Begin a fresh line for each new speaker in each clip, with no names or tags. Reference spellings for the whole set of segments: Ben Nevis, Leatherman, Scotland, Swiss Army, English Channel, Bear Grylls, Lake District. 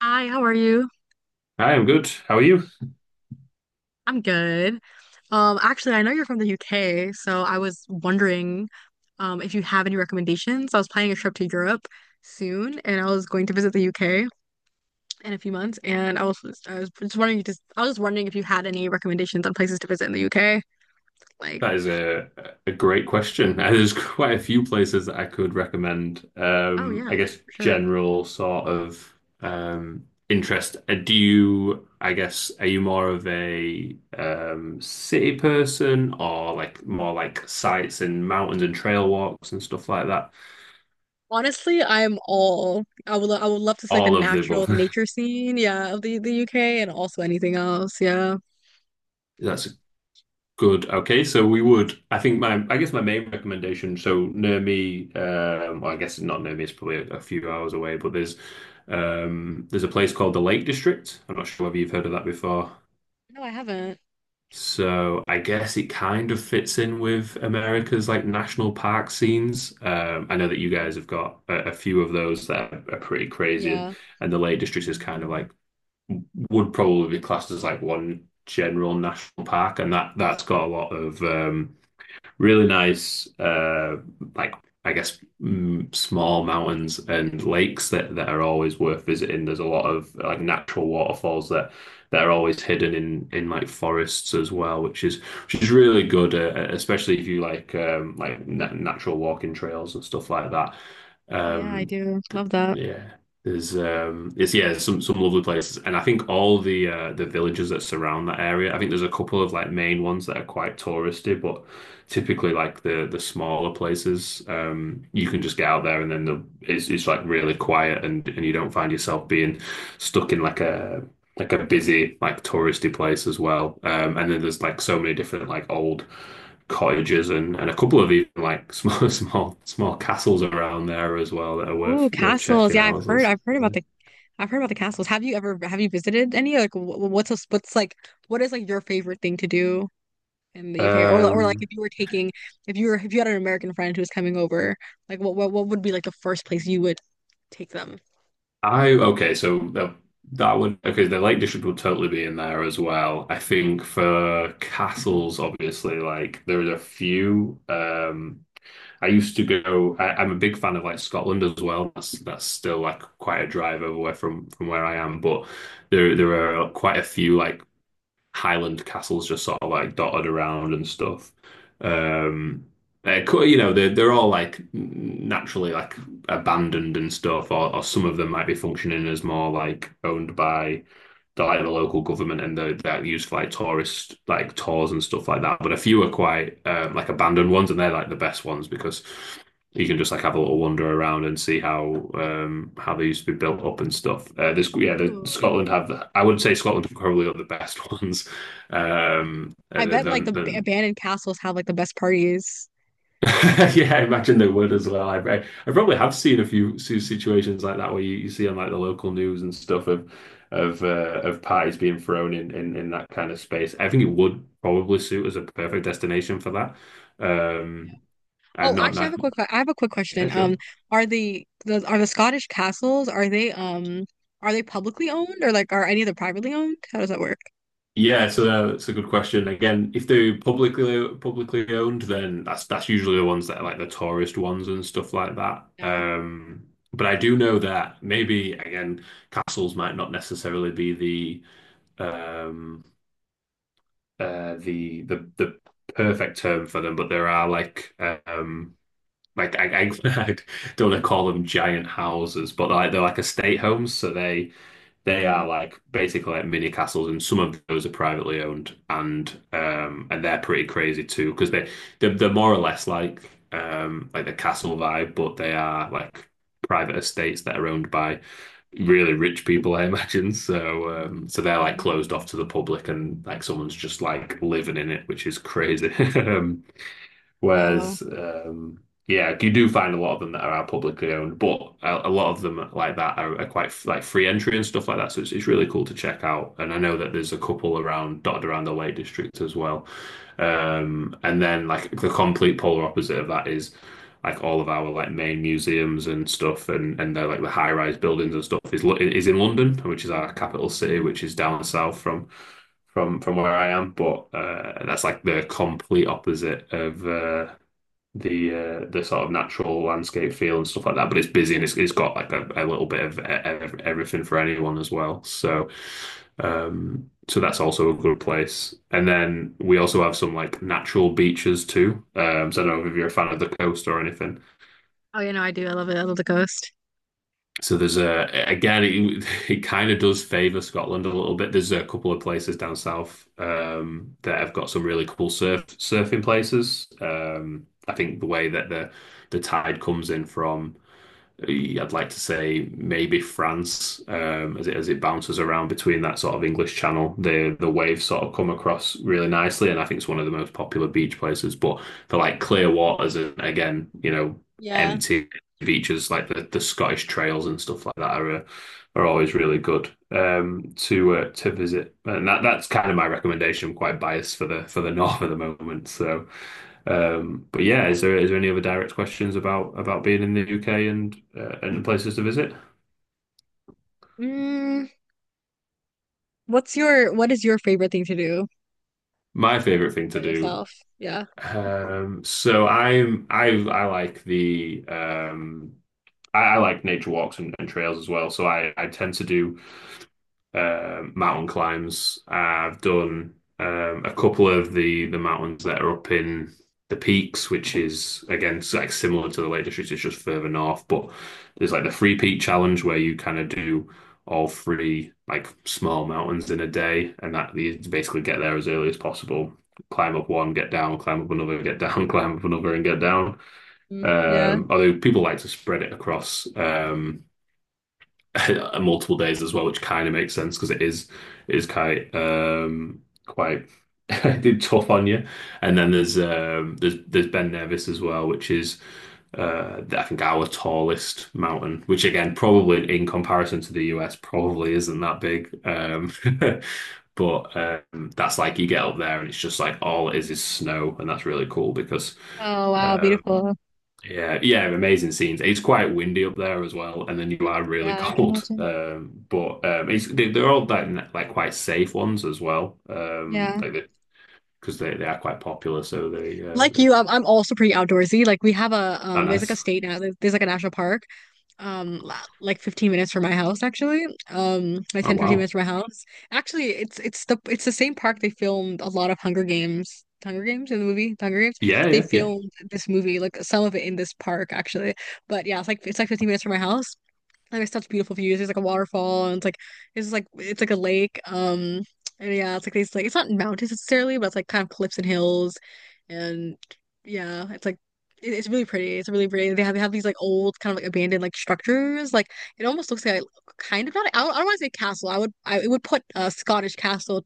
Hi, how are you?
I am good. How are you?
I'm good. Actually, I know you're from the UK, so I was wondering if you have any recommendations. I was planning a trip to Europe soon, and I was going to visit the UK in a few months, and I was just wondering just I was just wondering if you had any recommendations on places to visit in the UK. Like,
That is a great question. There's quite a few places that I could recommend.
oh yeah,
I guess
for sure.
general sort of interest. Do you, I guess, are you more of a city person or like more like sites and mountains and trail walks and stuff like that?
Honestly, I'm all I would lo- I would love to see like the
All of the
natural,
above.
the nature scene, yeah, of the UK, and also anything else. Yeah.
That's Good. Okay, so we would. I think I guess my main recommendation. So near me, well, I guess not near me. It's probably a few hours away, but there's a place called the Lake District. I'm not sure whether you've heard of that before.
No, I haven't.
So I guess it kind of fits in with America's like national park scenes. I know that you
Mm,
guys have got a few of those that are pretty crazy,
yeah.
and the Lake District is kind of like would probably be classed as like one general national park, and that that's got a lot of really nice, like I guess small mountains and lakes that are always worth visiting. There's a lot of like natural waterfalls that are always hidden in like forests as well, which is really good, especially if you like na natural walking trails and stuff like that.
Oh yeah, I
Um,
do.
th-
Love that.
yeah. There's it's yeah there's some lovely places, and I think all the villages that surround that area. I think there's a couple of like main ones that are quite touristy, but typically like the smaller places, um, you can just get out there, and then the it's like really quiet, and you don't find yourself being stuck in like a busy like touristy place as well. Um, and then there's like so many different like old cottages and a couple of even like small small castles around there as well that are
Oh,
worth
castles.
checking
Yeah,
out as well. So,
I've heard about the castles. Have you visited any? What is like your favorite thing to do in the UK, or
yeah.
li- or like if
um
you were taking if you were if you had an American friend who was coming over, like what would be like the first place you would take them?
I okay, so that would okay. The Lake District would totally be in there as well. I think for castles, obviously, like there are a few. I used to go. I'm a big fan of like Scotland as well. That's still like quite a drive over where from where I am, but there are quite a few like Highland castles just sort of like dotted around and stuff. Um, you know, they're all like naturally like abandoned and stuff, or some of them might be functioning as more like owned by the like the local government and the that used for like tourist like tours and stuff like that. But a few are quite like abandoned ones, and they're like the best ones because you can just like have a little wander around and see how they used to be built up and stuff. This yeah,
Ooh.
Scotland have I would say Scotland are probably are the best ones.
I
And
bet like the b-
then,
abandoned castles have like the best parties.
Yeah, I imagine they would as well. I probably have seen a few situations like that where you see on like the local news and stuff of of parties being thrown in in that kind of space. I think it would probably suit as a perfect destination for that. Um, I've
Oh,
not,
actually,
not,
I have a quick
yeah,
question.
sure.
Are the Scottish castles, are they publicly owned, or like are any of them privately owned? How does that work?
Yeah, so that's a good question. Again, if they're publicly owned, then that's usually the ones that are like the tourist ones and stuff like that. But I do know that maybe again, castles might not necessarily be the the perfect term for them, but there are like I don't want to call them giant houses, but like they're like estate homes, so they
Mm.
are like basically like mini castles, and some of those are privately owned, and they're pretty crazy too because they're more or less like the castle vibe, but they are like private estates that are owned by really rich people, I imagine. So so they're like
Mm.
closed off to the public, and like someone's just like living in it, which is crazy.
Wow.
Whereas, yeah, you do find a lot of them that are publicly owned, but a lot of them like that are quite like free entry and stuff like that. So it's really cool to check out. And I know that there's a couple around dotted around the Lake District as well. And then like the complete polar opposite of that is like all of our like main museums and stuff, and they're like the high rise buildings and stuff is is in London, which is our capital city, which is down south from from where I am, but that's like the complete opposite of the sort of natural landscape feel and stuff like that. But it's busy, and it's got like a little bit of everything for anyone as well. So so that's also a good place. And then we also have some like natural beaches too. So I don't know if you're a fan of the coast or anything.
Oh, I do. I love it. I love the coast.
So there's a again it kind of does favor Scotland a little bit. There's a couple of places down south that have got some really cool surfing places. I think the way that the tide comes in from yeah, I'd like to say maybe France, as it bounces around between that sort of English Channel, the waves sort of come across really nicely, and I think it's one of the most popular beach places. But for like clear waters and again, you know,
Yeah.
empty beaches like the Scottish trails and stuff like that are always really good to visit, and that's kind of my recommendation. I'm quite biased for the north at the moment. So, but yeah, is there any other direct questions about being in the UK and places to visit?
Mm, what is your favorite thing to do
My favorite thing
for
to do.
yourself? Yeah.
So I like the I like nature walks and trails as well. So I tend to do mountain climbs. I've done a couple of the mountains that are up in the peaks, which is again like similar to the Lake District. It's just further north. But there's like the three peak challenge where you kind of do all three like small mountains in a day, and that you basically get there as early as possible. Climb up one, get down, climb up another, get down, climb up another, and get down.
Mm, yeah.
Although people like to spread it across multiple days as well, which kind of makes sense because it is quite quite tough on you. And then there's there's Ben Nevis as well, which is I think our tallest mountain, which again probably in comparison to the US probably isn't that big. But that's like you get up there, and it's just like all it is snow, and that's really cool because
Oh, wow,
um,
beautiful.
yeah, yeah, amazing scenes. It's quite windy up there as well, and then you are really
Yeah, I can
cold.
imagine.
But it's
Mm,
they, they're all like like quite safe ones as well.
yeah.
Like because they are quite popular, so
Like
they
you, I'm also pretty outdoorsy. Like we have a
are
there's like a
nice.
state now. There's like a national park, like 15 minutes from my house actually. Like
Oh
10, 15
wow,
minutes from my house. Actually, it's the same park they filmed a lot of Hunger Games. In the movie, The Hunger Games. They
yeah, yeah,
filmed this movie, like some of it in this park actually. But yeah, it's like 15 minutes from my house. And there's such beautiful views. There's like a waterfall, and it's like a lake. And yeah, it's like these, like, it's not mountains necessarily, but it's like kind of cliffs and hills, and yeah, it's like it's really pretty. It's really pretty. They have these like old kind of like abandoned like structures. Like it almost looks like a- kind of not. I don't want to say castle. I would I it would put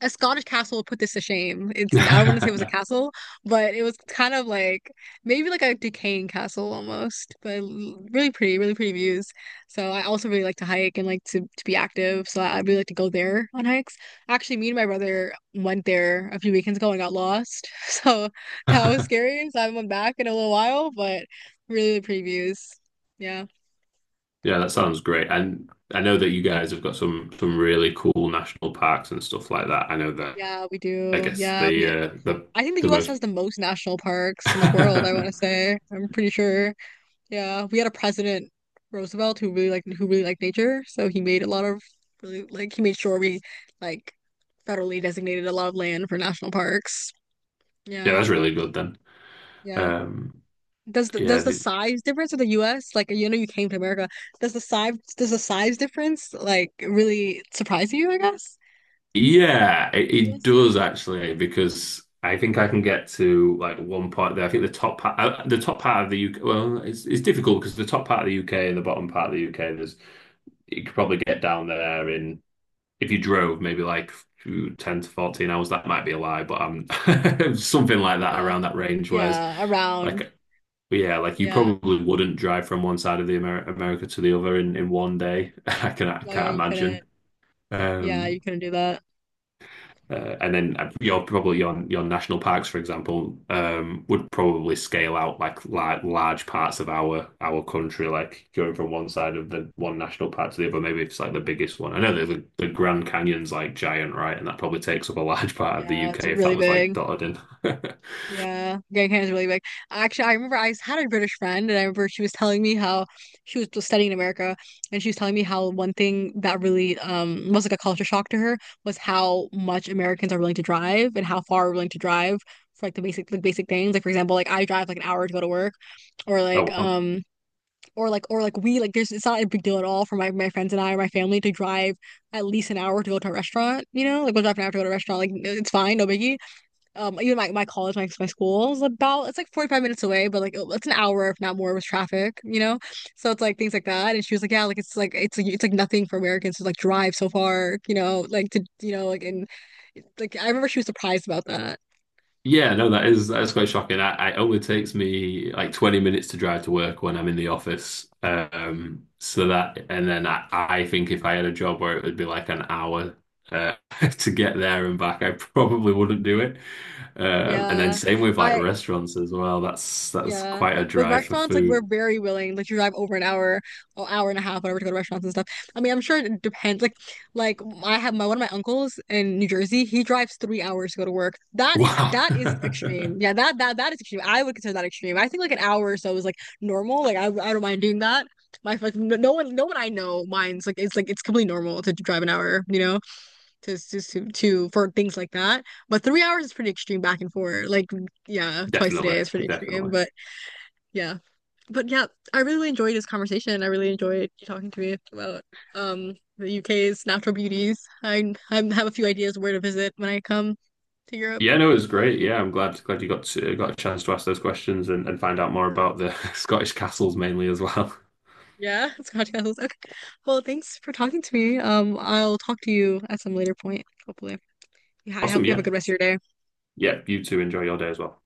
a Scottish castle put this to shame. It's, I don't want to say it was a
yeah,
castle, but it was kind of like maybe like a decaying castle almost, but l- really pretty, really pretty views. So I also really like to hike and like to be active. So I really like to go there on hikes. Actually, me and my brother went there a few weekends ago and got lost. So that was scary. So I haven't went back in a little while, but really, really pretty views. Yeah.
yeah. That sounds great. And I know that you guys have got some really cool national parks and stuff like that. I know that.
Yeah, we
I
do.
guess
Yeah, we I think the
the
US
most.
has the most national parks in the world, I want to say. I'm pretty sure. Yeah, we had a president Roosevelt who really liked nature, so he made sure we like federally designated a lot of land for national parks.
Yeah,
Yeah,
that's really good then.
yeah.
Um,
Does the does
yeah,
the size difference of the U.S., like, you know you came to America? Does the size difference like really surprise you, I guess?
Yeah, it
Yes.
does actually, because I think I can get to like one part there. I think the top part of the UK. Well, it's difficult because the top part of the UK and the bottom part of the UK, there's you could probably get down there in if you drove maybe like ooh, 10 to 14 hours. That might be a lie, but something like that
Yeah.
around that range. Whereas
Yeah. Around.
like yeah, like you
Yeah.
probably wouldn't drive from one side of the America to the other in one day. I
Oh yeah.
can't
You
imagine.
couldn't. Yeah.
Um,
You couldn't do that.
And then your probably your national parks, for example, would probably scale out like large parts of our country, like going from one side of the one national park to the other. Maybe it's like the biggest one. I know that the Grand Canyon's like giant, right? And that probably takes up a large part of the
Yeah. It's
UK if that
really
was like
big.
dotted in.
Yeah, Grand Canyon is really big. Actually, I remember I had a British friend, and I remember she was telling me how she was just studying in America, and she was telling me how one thing that really was like a culture shock to her was how much Americans are willing to drive and how far we're willing to drive for like the basic things. Like for example, like I drive like an hour to go to work, or like
Oh,
or like or like we like there's it's not a big deal at all for my friends and I, or my family to drive at least an hour to go to a restaurant. Like we'll drive an hour to go to a restaurant. Like it's fine, no biggie, even my school is about it's like 45 minutes away, but like it's an hour if not more with traffic. So it's like things like that, and she was like, yeah, like it's like nothing for Americans to like drive so far, you know like to you know like and like I remember she was surprised about that.
Yeah, no, that is quite shocking. I only takes me like 20 minutes to drive to work when I'm in the office. So that, and then I think if I had a job where it would be like an hour uh, to get there and back, I probably wouldn't do it. And then
Yeah.
same with like
I
restaurants as well. That's
Yeah.
quite a
With
drive for
restaurants, like we're
food.
very willing, like to drive over an hour, or hour and a half, whatever, to go to restaurants and stuff. I mean, I'm sure it depends. Like I have my one of my uncles in New Jersey. He drives 3 hours to go to work. That is
Wow.
that is extreme. Yeah, that is extreme. I would consider that extreme. I think like an hour or so is like normal. Like I don't mind doing that. My like no no one no one I know minds, like it's completely normal to drive an hour. You know, to for things like that. But 3 hours is pretty extreme back and forth. Like yeah, twice a day
Definitely,
is pretty extreme,
definitely.
but. Yeah. But yeah, I really enjoyed this conversation. I really enjoyed you talking to me about the UK's natural beauties. I have a few ideas where to visit when I come to Europe.
Yeah, no, it was great. Yeah, I'm glad you got a chance to ask those questions and find out more about the Scottish castles mainly as well.
Yeah, Scotch castles. Okay. Well, thanks for talking to me. I'll talk to you at some later point, hopefully. Yeah, I
Awesome.
hope you have a
Yeah.
good rest of your day.
Yeah. You two enjoy your day as well.